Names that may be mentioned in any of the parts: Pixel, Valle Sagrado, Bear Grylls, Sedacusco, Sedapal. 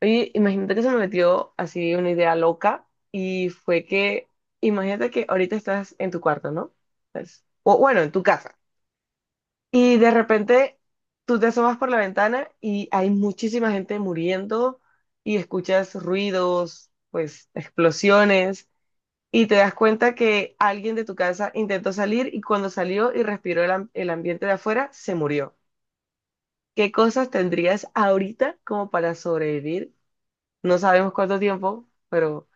Oye, imagínate que se me metió así una idea loca y fue que, imagínate que ahorita estás en tu cuarto, ¿no? Pues, o bueno, en tu casa. Y de repente tú te asomas por la ventana y hay muchísima gente muriendo y escuchas ruidos, pues explosiones y te das cuenta que alguien de tu casa intentó salir y cuando salió y respiró el ambiente de afuera, se murió. ¿Qué cosas tendrías ahorita como para sobrevivir? No sabemos cuánto tiempo, pero...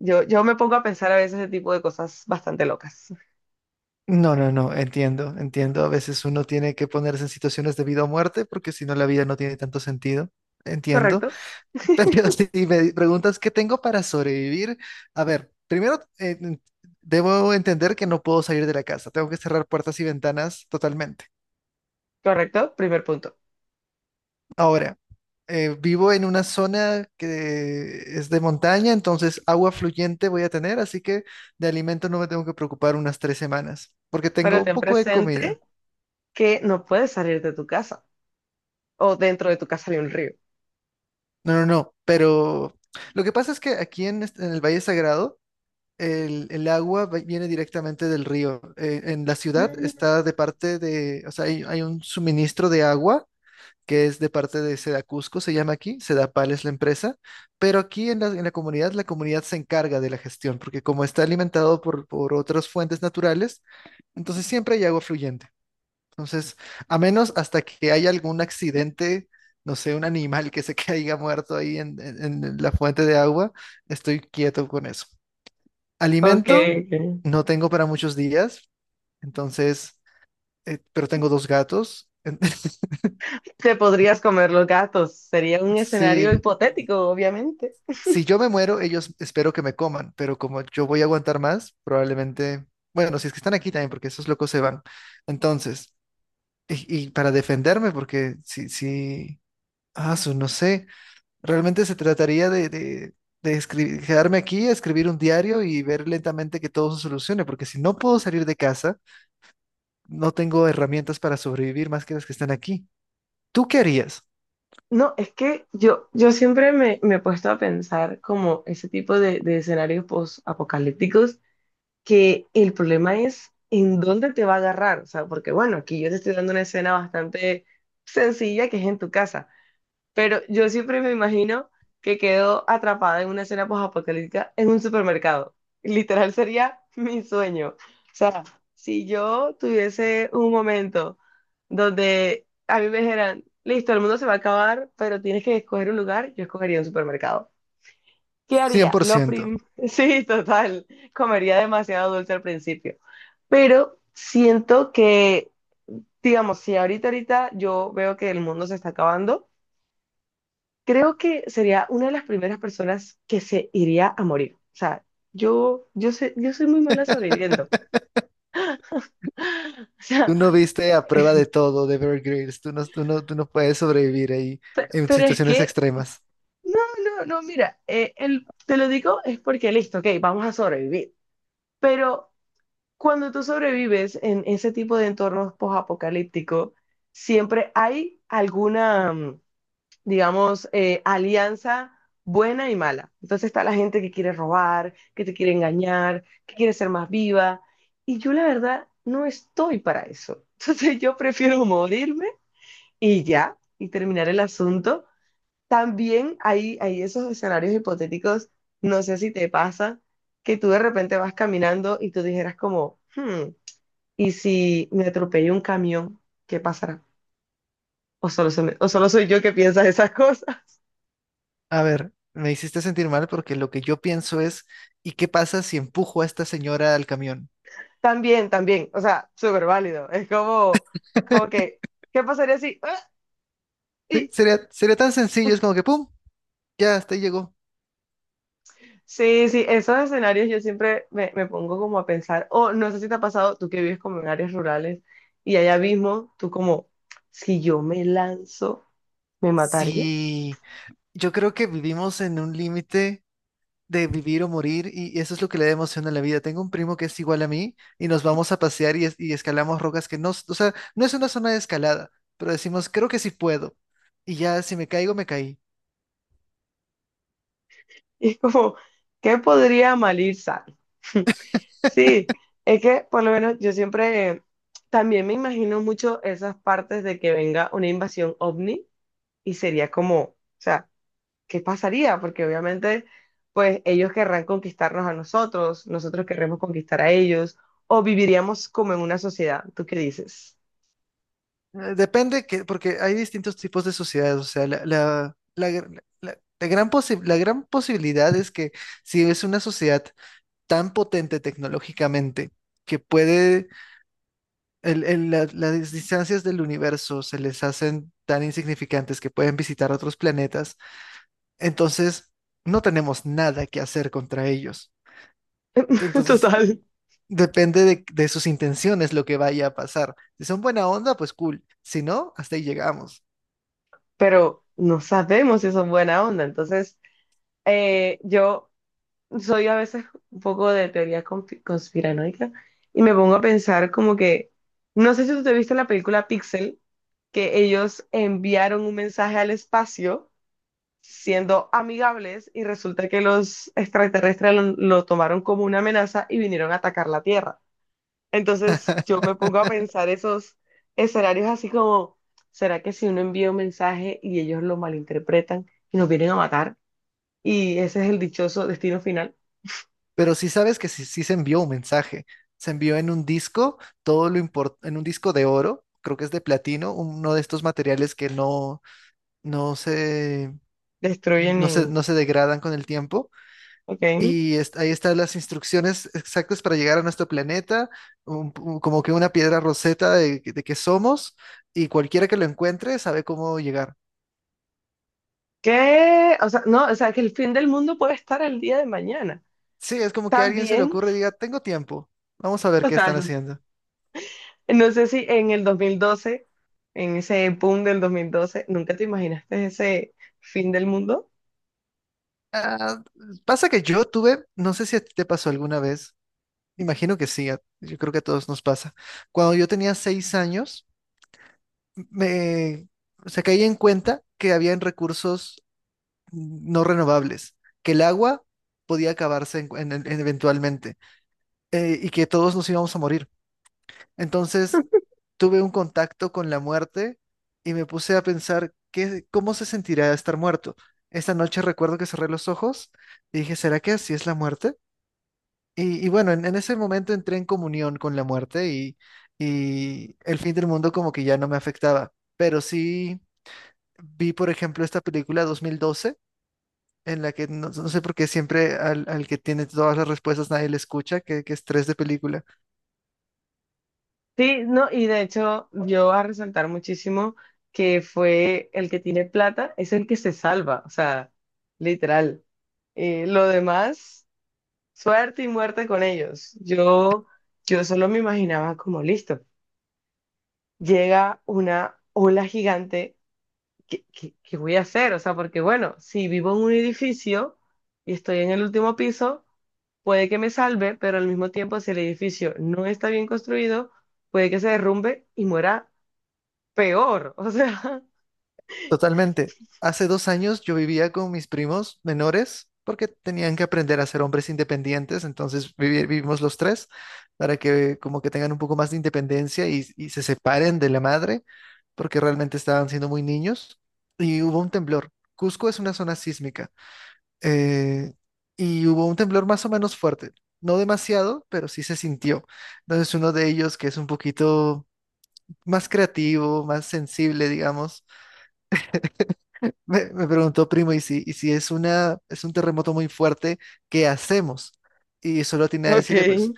Yo me pongo a pensar a veces ese tipo de cosas bastante locas. No, no, no, entiendo, entiendo. A veces uno tiene que ponerse en situaciones de vida o muerte porque si no la vida no tiene tanto sentido. ¿Correcto? Entiendo. Pero si me preguntas qué tengo para sobrevivir, a ver, primero debo entender que no puedo salir de la casa. Tengo que cerrar puertas y ventanas totalmente. ¿Correcto? Primer punto. Ahora, vivo en una zona que es de montaña, entonces agua fluyente voy a tener, así que de alimento no me tengo que preocupar unas 3 semanas porque tengo Pero un ten poco de presente comida. que no puedes salir de tu casa o dentro de tu casa hay un río. No, no, no, pero lo que pasa es que en el Valle Sagrado el viene directamente del río. En la ciudad Mm. está de parte de, o sea, hay un suministro de agua que es de parte de Sedacusco, se llama aquí, Sedapal es la empresa, pero aquí en en la comunidad se encarga de la gestión, porque como está alimentado por otras fuentes naturales, entonces siempre hay agua fluyente. Entonces, a menos hasta que haya algún accidente, no sé, un animal que se caiga muerto en la fuente de agua, estoy quieto con eso. Ok, Alimento, ok. no tengo para muchos días, entonces, pero tengo dos gatos. Te podrías comer los gatos. Sería un escenario Si, hipotético, obviamente. si yo me muero, ellos espero que me coman, pero como yo voy a aguantar más, probablemente, bueno, si es que están aquí también, porque esos locos se van. Entonces, y para defenderme, porque no sé. Realmente se trataría quedarme aquí, escribir un diario y ver lentamente que todo se solucione, porque si no puedo salir de casa, no tengo herramientas para sobrevivir más que las que están aquí. ¿Tú qué harías? No, es que yo siempre me he puesto a pensar como ese tipo de escenarios post, que el problema es en dónde te va a agarrar, o sea, porque bueno, aquí yo te estoy dando una escena bastante sencilla que es en tu casa, pero yo siempre me imagino que quedo atrapada en una escena postapocalíptica en un supermercado. Literal sería mi sueño. O sea, si yo tuviese un momento donde a mí me dijeran, listo, el mundo se va a acabar, pero tienes que escoger un lugar, yo escogería un supermercado. ¿Qué Cien haría? por Lo ciento. prim... Sí, total. Comería demasiado dulce al principio, pero siento que, digamos, si ahorita yo veo que el mundo se está acabando, creo que sería una de las primeras personas que se iría a morir. O sea, yo sé, yo soy muy mala sobreviviendo. O sea, Tú no viste A prueba de todo de Bear Grylls. Tú no puedes sobrevivir ahí pe- en pero es situaciones que, extremas. no, no, no, mira, te lo digo es porque listo, ok, vamos a sobrevivir. Pero cuando tú sobrevives en ese tipo de entornos post siempre hay alguna, digamos, alianza buena y mala. Entonces está la gente que quiere robar, que te quiere engañar, que quiere ser más viva. Y yo la verdad no estoy para eso. Entonces yo prefiero morirme y ya, y terminar el asunto. También hay esos escenarios hipotéticos, no sé si te pasa, que tú de repente vas caminando y tú dijeras como, "Hmm, ¿y si me atropella un camión? ¿Qué pasará? O solo, se me- o solo soy yo que piensa esas cosas". A ver, me hiciste sentir mal porque lo que yo pienso es, ¿y qué pasa si empujo a esta señora al camión? También, también, o sea, súper válido. Es como, como que, ¿qué pasaría si? Ah, Sí, y... sería tan sencillo, es como que, ¡pum! Ya, hasta ahí llegó. Sí, sí, esos escenarios yo siempre me pongo como a pensar, o no sé si te ha pasado, tú que vives como en áreas rurales y allá mismo, tú como, si yo me lanzo, ¿me mataría? Sí, yo creo que vivimos en un límite de vivir o morir y eso es lo que le da emoción a la vida. Tengo un primo que es igual a mí y nos vamos a pasear y, y escalamos rocas que no, s- o sea, no es una zona de escalada, pero decimos, creo que sí puedo. Y ya si me caigo, me caí. Y es como, ¿qué podría mal ir sano? Sí, es que por lo menos yo siempre también me imagino mucho esas partes de que venga una invasión ovni, y sería como, o sea, ¿qué pasaría? Porque obviamente, pues ellos querrán conquistarnos a nosotros, nosotros querremos conquistar a ellos, o viviríamos como en una sociedad, ¿tú qué dices? Depende que, porque hay distintos tipos de sociedades, o sea, la la gran posibilidad es que si es una sociedad tan potente tecnológicamente, que puede las distancias del universo se les hacen tan insignificantes que pueden visitar otros planetas, entonces no tenemos nada que hacer contra ellos. Entonces Total. depende de sus intenciones lo que vaya a pasar. Si son buena onda, pues cool. Si no, hasta ahí llegamos. Pero no sabemos si son buena onda, entonces yo soy a veces un poco de teoría conspiranoica y me pongo a pensar como que, no sé si tú te viste la película Pixel, que ellos enviaron un mensaje al espacio siendo amigables y resulta que los extraterrestres lo tomaron como una amenaza y vinieron a atacar la Tierra. Entonces yo me pongo a pensar esos escenarios así como, ¿será que si uno envía un mensaje y ellos lo malinterpretan y nos vienen a matar? Y ese es el dichoso destino final. Pero sí sabes que sí, sí se envió un mensaje. Se envió en un disco, en un disco de oro, creo que es de platino, uno de estos materiales que no se, Destruyen y... no se degradan con el tiempo. Ok. Ahí están las instrucciones exactas para llegar a nuestro planeta, como que una piedra roseta de que somos, y cualquiera que lo encuentre sabe cómo llegar. ¿Qué? O sea, no, o sea, que el fin del mundo puede estar el día de mañana. Sí, es como que a alguien se le También, ocurre y diga, tengo tiempo, vamos a ver qué están total, haciendo. no sé si en el 2012, en ese boom del 2012, ¿nunca te imaginaste ese fin del mundo? Ah, pasa que yo tuve, no sé si a ti te pasó alguna vez, imagino que sí, yo creo que a todos nos pasa. Cuando yo tenía 6 años, me, o sea, caí en cuenta que habían recursos no renovables, que el agua podía acabarse eventualmente y que todos nos íbamos a morir. Entonces tuve un contacto con la muerte y me puse a pensar qué, cómo se sentirá estar muerto. Esta noche recuerdo que cerré los ojos y dije, ¿será que así es la muerte? Y bueno, en ese momento entré en comunión con la muerte y el fin del mundo como que ya no me afectaba. Pero sí vi, por ejemplo, esta película 2012, en la que no, no sé por qué siempre al, al que tiene todas las respuestas nadie le escucha, que estrés de película. Sí, no, y de hecho yo voy a resaltar muchísimo que fue el que tiene plata, es el que se salva, o sea, literal. Lo demás, suerte y muerte con ellos. Yo solo me imaginaba como listo. Llega una ola gigante, ¿qué, qué- qué voy a hacer? O sea, porque bueno, si vivo en un edificio y estoy en el último piso, puede que me salve, pero al mismo tiempo, si el edificio no está bien construido, puede que se derrumbe y muera peor. O sea, Totalmente. Hace 2 años yo vivía con mis primos menores porque tenían que aprender a ser hombres independientes, entonces vivimos los tres para que como que tengan un poco más de independencia y se separen de la madre porque realmente estaban siendo muy niños y hubo un temblor. Cusco es una zona sísmica. eh, y hubo un temblor más o menos fuerte, no demasiado, pero sí se sintió. Entonces uno de ellos, que es un poquito más creativo, más sensible, digamos, me preguntó, primo, ¿ y si es una, es un terremoto muy fuerte, ¿qué hacemos? Y solo tenía a ok. decirle, pues,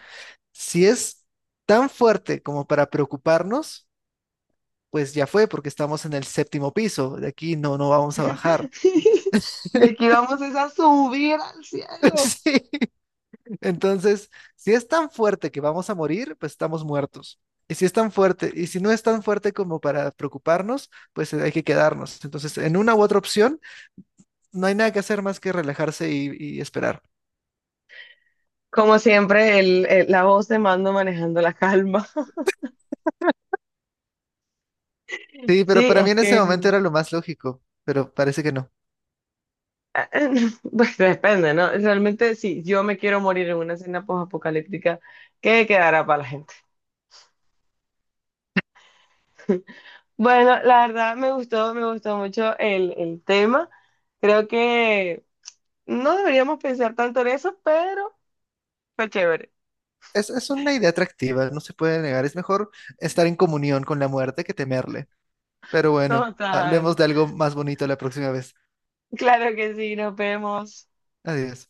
si es tan fuerte como para preocuparnos, pues ya fue, porque estamos en el séptimo piso, de aquí no vamos a bajar. De aquí vamos es a subir al cielo. Sí. Entonces, si es tan fuerte que vamos a morir, pues estamos muertos. Y si es tan fuerte, y si no es tan fuerte como para preocuparnos, pues hay que quedarnos. Entonces, en una u otra opción, no hay nada que hacer más que relajarse y esperar. Como siempre, la voz de mando manejando la calma. Sí, pero Sí, para mí es en ese que momento era lo más lógico, pero parece que no. ah, pues depende, ¿no? Realmente, si yo me quiero morir en una escena post-apocalíptica, ¿qué quedará para la gente? Bueno, la verdad me gustó mucho el tema. Creo que no deberíamos pensar tanto en eso, pero fue chévere. Es una idea atractiva, no se puede negar. Es mejor estar en comunión con la muerte que temerle. Pero bueno, hablemos Total. de algo más bonito la próxima vez. Claro que sí, nos vemos. Adiós.